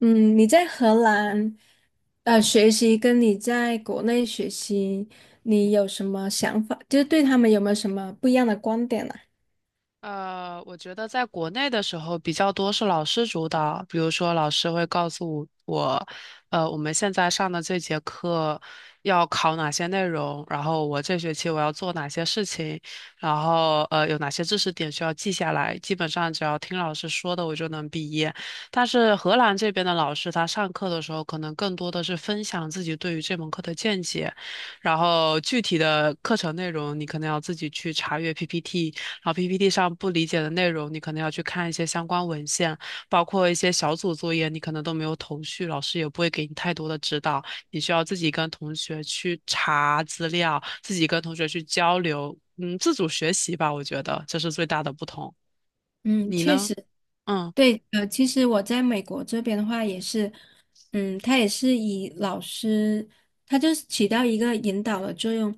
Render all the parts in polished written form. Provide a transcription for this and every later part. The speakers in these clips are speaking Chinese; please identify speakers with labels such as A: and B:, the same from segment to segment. A: 嗯，你在荷兰，学习跟你在国内学习，你有什么想法？就是对他们有没有什么不一样的观点呢、
B: 我觉得在国内的时候比较多是老师主导，比如说老师会告诉我，我们现在上的这节课要考哪些内容，然后我这学期我要做哪些事情，然后有哪些知识点需要记下来，基本上只要听老师说的我就能毕业。但是荷兰这边的老师他上课的时候可能更多的是分享自己对于这门课的见解，然后具体的课程内容你可能要自己去查阅 PPT。然后 PPT 上不理解的内容，你可能要去看一些相关文献，包括一些小组作业，你可能都没有头绪，老师也不会给你太多的指导，你需要自己跟同学去查资料，自己跟同学去交流，自主学习吧，我觉得这是最大的不同。
A: 嗯，
B: 你
A: 确
B: 呢？
A: 实。
B: 嗯。
A: 对，其实我在美国这边的话也是，嗯，他也是以老师，他就是起到一个引导的作用，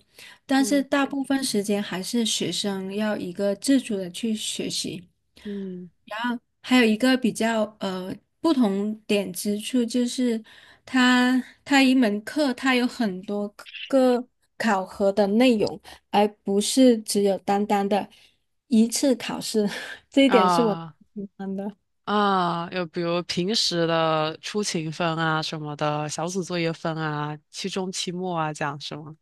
A: 但是
B: 嗯。
A: 大部分时间还是学生要一个自主的去学习。
B: 嗯。
A: 然后还有一个比较不同点之处就是，它一门课它有很多个考核的内容，而不是只有单单的一次考试，这一点是我。
B: 啊。啊，又比如平时的出勤分啊什么的，小组作业分啊，期中、期末啊，这样是吗？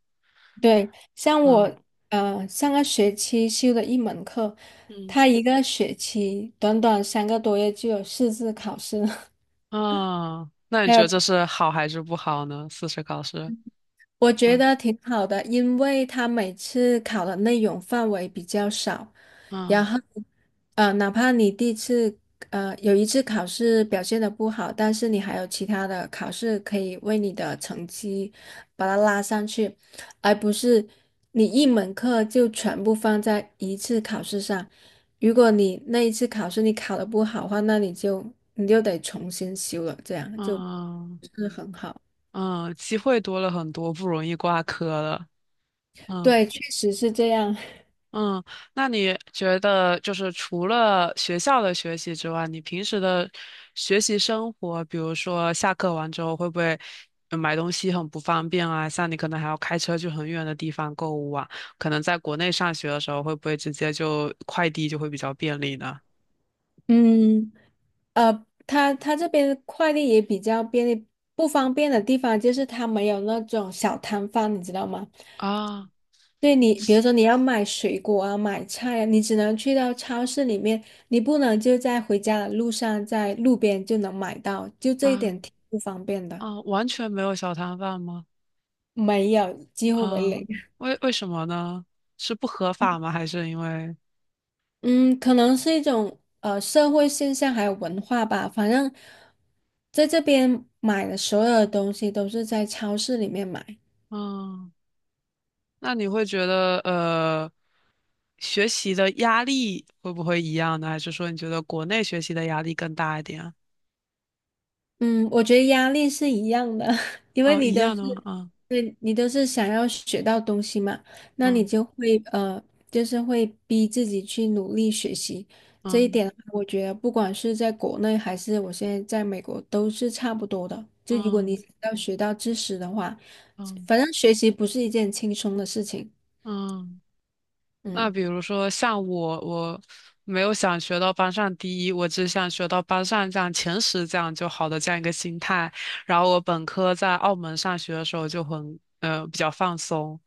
A: 对，像
B: 嗯。
A: 我上个学期修的一门课，
B: 嗯。
A: 他一个学期短短三个多月就有四次考试了，
B: 嗯，那 你
A: 还
B: 觉
A: 有
B: 得这是好还是不好呢？四十考试，
A: 我觉
B: 嗯。
A: 得挺好的，因为他每次考的内容范围比较少。然
B: 嗯。
A: 后，哪怕你第一次，有一次考试表现的不好，但是你还有其他的考试可以为你的成绩把它拉上去，而不是你一门课就全部放在一次考试上。如果你那一次考试你考的不好的话，那你就得重新修了，这样就不
B: 嗯。
A: 是很好。
B: 嗯，机会多了很多，不容易挂科了。嗯。
A: 对，确实是这样。
B: 嗯，那你觉得就是除了学校的学习之外，你平时的学习生活，比如说下课完之后会不会买东西很不方便啊？像你可能还要开车去很远的地方购物啊，可能在国内上学的时候会不会直接就快递就会比较便利呢？
A: 嗯，他这边快递也比较便利，不方便的地方就是他没有那种小摊贩，你知道吗？
B: 啊。
A: 对你，比如说你要买水果啊、买菜啊，你只能去到超市里面，你不能就在回家的路上，在路边就能买到，就这一
B: 啊。
A: 点挺不方便的。
B: 啊，完全没有小摊贩吗？
A: 没有，几乎为
B: 啊，
A: 零。
B: 为什么呢？是不合法吗？还是因为，
A: 嗯，可能是一种社会现象，还有文化吧。反正在这边买的所有的东西都是在超市里面买。
B: 嗯，那你会觉得，学习的压力会不会一样呢？还是说你觉得国内学习的压力更大一点啊？
A: 嗯，我觉得压力是一样的，因为
B: 哦，一
A: 你都
B: 样
A: 是，
B: 的吗？嗯。
A: 对，你都是想要学到东西嘛，那你
B: 嗯。
A: 就会就是会逼自己去努力学习。这一
B: 嗯。
A: 点的话我觉得不管是在国内还是我现在在美国都是差不多的。就如果你
B: 嗯。
A: 要学到知识的话，
B: 嗯。
A: 反正学习不是一件轻松的事情。
B: 嗯。那
A: 嗯。
B: 比如说像我没有想学到班上第一，我只想学到班上这样前十这样就好的这样一个心态。然后我本科在澳门上学的时候就很比较放松，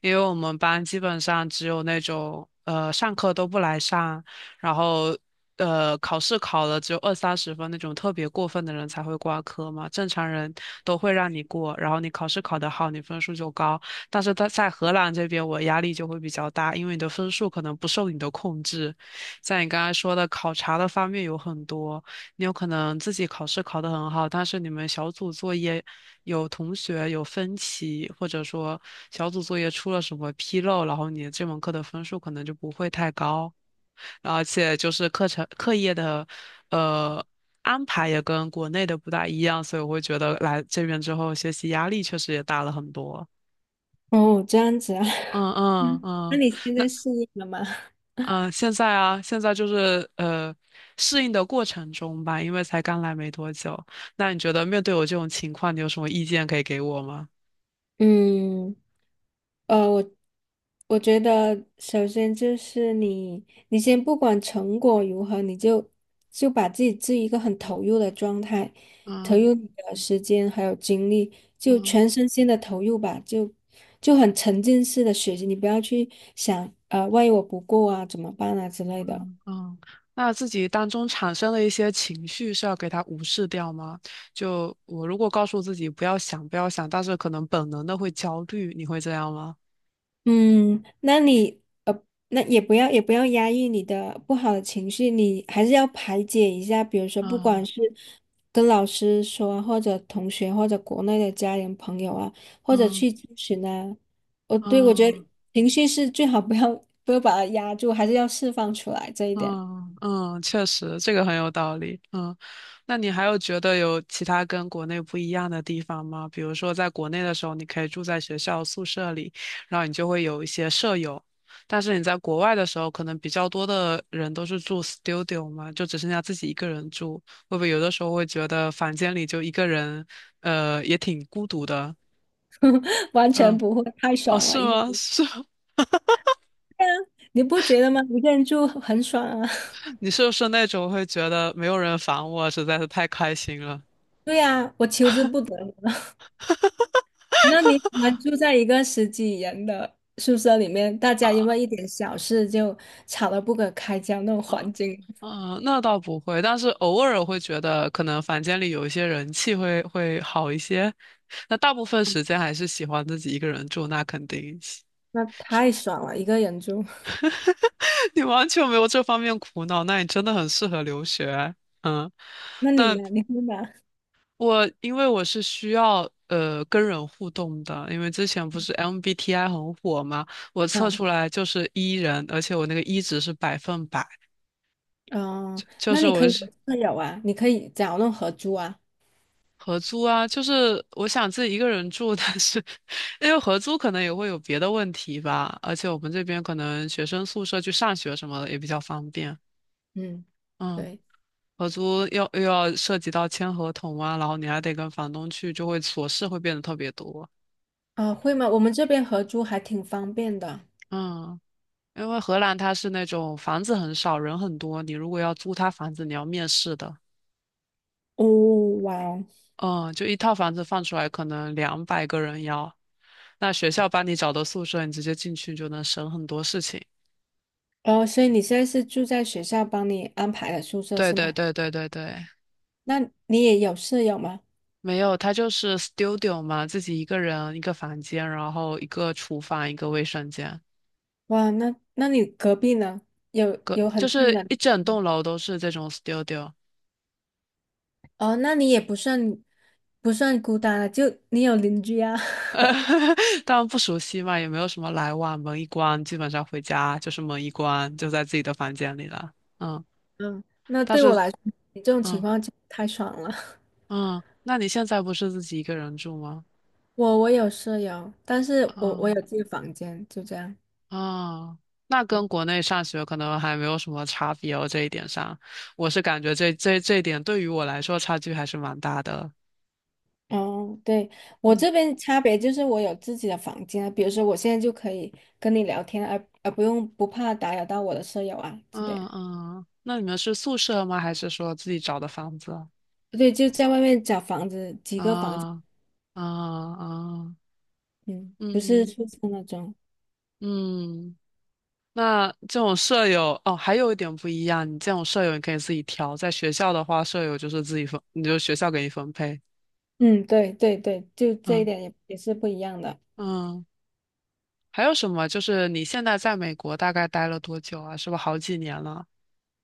B: 因为我们班基本上只有那种上课都不来上，然后考试考了只有二三十分那种特别过分的人才会挂科嘛，正常人都会让你过，然后你考试考得好，你分数就高。但是他在荷兰这边，我压力就会比较大，因为你的分数可能不受你的控制。像你刚才说的考察的方面有很多，你有可能自己考试考得很好，但是你们小组作业有同学有分歧，或者说小组作业出了什么纰漏，然后你这门课的分数可能就不会太高。而且就是课程课业的呃安排也跟国内的不大一样，所以我会觉得来这边之后学习压力确实也大了很多。
A: 哦，这样子啊。
B: 嗯。嗯。
A: 嗯，那
B: 嗯，
A: 你现
B: 那
A: 在适应了吗？
B: 嗯，现在啊，现在就是适应的过程中吧，因为才刚来没多久。那你觉得面对我这种情况，你有什么意见可以给我吗？
A: 嗯。呃，我我觉得，首先就是你，你先不管成果如何，你就把自己置于一个很投入的状态，投
B: 嗯。
A: 入你的时间还有精力，就
B: 嗯。
A: 全身心的投入吧，就很沉浸式的学习，你不要去想，万一我不过啊，怎么办啊之类的。
B: 嗯，那自己当中产生的一些情绪是要给它无视掉吗？就我如果告诉自己不要想，不要想，但是可能本能的会焦虑，你会这样吗？
A: 嗯，那也不要压抑你的不好的情绪，你还是要排解一下。比如说，不
B: 嗯。
A: 管是跟老师说啊或者同学，或者国内的家人朋友啊，或者
B: 嗯。
A: 去咨询啊，我觉
B: 嗯。
A: 得情绪是最好不要把它压住，还是要释放出来这一点。
B: 嗯。嗯，确实，这个很有道理。嗯，那你还有觉得有其他跟国内不一样的地方吗？比如说，在国内的时候，你可以住在学校宿舍里，然后你就会有一些舍友，但是你在国外的时候，可能比较多的人都是住 studio 嘛，就只剩下自己一个人住，会不会有的时候会觉得房间里就一个人，也挺孤独的？
A: 完全
B: 嗯，
A: 不会，太
B: 哦，
A: 爽了。
B: 是
A: 一个
B: 吗？
A: 人
B: 是，
A: 你不觉得吗？一个人住很爽啊。
B: 你是不是那种会觉得没有人烦我，实在是太开心了？
A: 对呀，我求之不得。那你们住在一个十几人的宿舍里面，大家因
B: 啊？
A: 为一点小事就吵得不可开交那种环境。
B: 嗯，那倒不会，但是偶尔会觉得可能房间里有一些人气会好一些。那大部分时间还是喜欢自己一个人住，那肯定。
A: 那太爽了，一个人住。
B: 你完全没有这方面苦恼，那你真的很适合留学。嗯，
A: 那你
B: 那
A: 呢？你会吗？
B: 我因为我是需要跟人互动的，因为之前不是 MBTI 很火嘛，我测
A: 嗯
B: 出来就是 E 人，而且我那个 E 值是百分百，
A: 嗯，
B: 就
A: 那
B: 是
A: 你可
B: 我
A: 以有
B: 是
A: 舍友啊，你可以找那种合租啊。
B: 合租啊，就是我想自己一个人住，但是因为合租可能也会有别的问题吧，而且我们这边可能学生宿舍去上学什么的也比较方便。
A: 嗯，
B: 嗯，
A: 对。
B: 合租要又要涉及到签合同啊，然后你还得跟房东去，就会琐事会变得特别多。
A: 会吗？我们这边合租还挺方便的。
B: 嗯，因为荷兰它是那种房子很少，人很多，你如果要租他房子，你要面试的。
A: 哦，哇哦。
B: 嗯，就一套房子放出来，可能两百个人要。那学校帮你找的宿舍，你直接进去就能省很多事情。
A: 哦，所以你现在是住在学校帮你安排的宿舍
B: 对
A: 是
B: 对
A: 吗？
B: 对对对对，
A: 那你也有舍友吗？
B: 没有，它就是 studio 嘛，自己一个人一个房间，然后一个厨房，一个卫生间，
A: 哇，那那你隔壁呢？有
B: 个
A: 有
B: 就
A: 很近
B: 是
A: 的。
B: 一整栋楼都是这种 studio。
A: 哦，那你也不算孤单了，就你有邻居啊。
B: 当然不熟悉嘛，也没有什么来往，门一关，基本上回家就是门一关，就在自己的房间里了。嗯，
A: 嗯，那
B: 但
A: 对我
B: 是，
A: 来说，你这种情
B: 嗯。
A: 况就太爽了。
B: 嗯，那你现在不是自己一个人住吗？
A: 我有舍友，但是我有
B: 嗯。
A: 自己的房间，就这样。
B: 啊，那
A: 嗯。
B: 跟国内上学可能还没有什么差别哦，这一点上，我是感觉这一点对于我来说差距还是蛮大的。
A: 哦，对，我
B: 嗯。
A: 这边差别就是我有自己的房间啊，比如说我现在就可以跟你聊天，而不用不怕打扰到我的舍友啊之类
B: 嗯。
A: 的。
B: 嗯，那你们是宿舍吗？还是说自己找的房子？
A: 对，就在外面找房子，几个房子。
B: 啊。啊。啊，
A: 嗯，不是
B: 嗯。
A: 宿舍那种。
B: 嗯，那这种舍友哦，还有一点不一样，你这种舍友你可以自己挑，在学校的话，舍友就是自己分，你就学校给你分配。
A: 嗯，对对对，就这一
B: 嗯。
A: 点也是不一样的。
B: 嗯。还有什么？就是你现在在美国大概待了多久啊？是不是好几年了？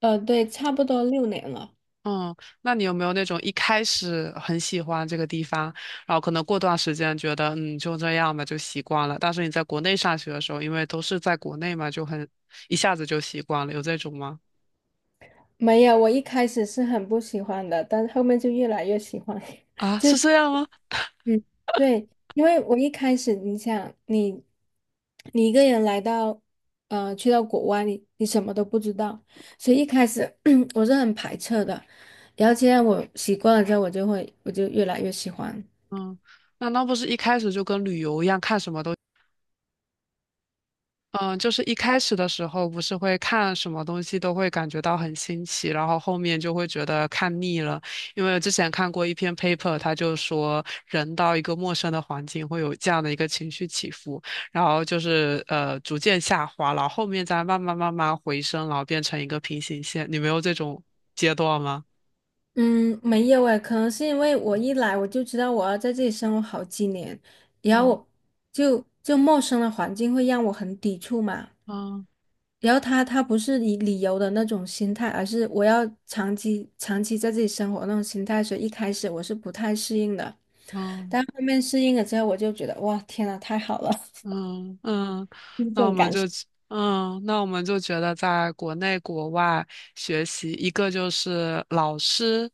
A: 对，差不多六年了。
B: 嗯，那你有没有那种一开始很喜欢这个地方，然后可能过段时间觉得就这样吧，就习惯了？但是你在国内上学的时候，因为都是在国内嘛，就很一下子就习惯了，有这种吗？
A: 没有，我一开始是很不喜欢的，但是后面就越来越喜欢。
B: 啊，
A: 就
B: 是这样吗？
A: 嗯，对，因为我一开始，你想，你一个人来到，去到国外，你什么都不知道，所以一开始 我是很排斥的。然后现在我习惯了之后，我就越来越喜欢。
B: 嗯，那不是一开始就跟旅游一样，看什么都。嗯，就是一开始的时候，不是会看什么东西都会感觉到很新奇，然后后面就会觉得看腻了。因为之前看过一篇 paper，他就说人到一个陌生的环境会有这样的一个情绪起伏，然后就是逐渐下滑，然后后面再慢慢慢慢回升，然后变成一个平行线。你没有这种阶段吗？
A: 嗯，没有诶，可能是因为我一来我就知道我要在这里生活好几年，然
B: 嗯。
A: 后就陌生的环境会让我很抵触嘛。
B: 嗯。
A: 然后他不是以理由的那种心态，而是我要长期长期在这里生活那种心态，所以一开始我是不太适应的，
B: 嗯。
A: 但后面适应了之后，我就觉得哇，天呐，太好了。
B: 嗯。嗯，
A: 就是这
B: 那我
A: 种
B: 们
A: 感
B: 就
A: 受。
B: 那我们就觉得在国内国外学习，一个就是老师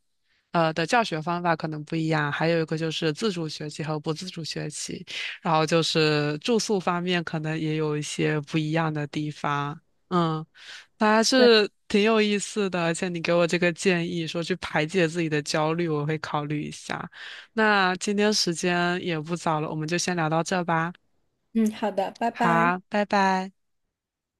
B: 的教学方法可能不一样，还有一个就是自主学习和不自主学习，然后就是住宿方面可能也有一些不一样的地方。嗯，那还
A: 对，
B: 是挺有意思的，而且你给我这个建议说去排解自己的焦虑，我会考虑一下。那今天时间也不早了，我们就先聊到这吧。
A: 嗯，好的，拜拜。
B: 好，拜拜。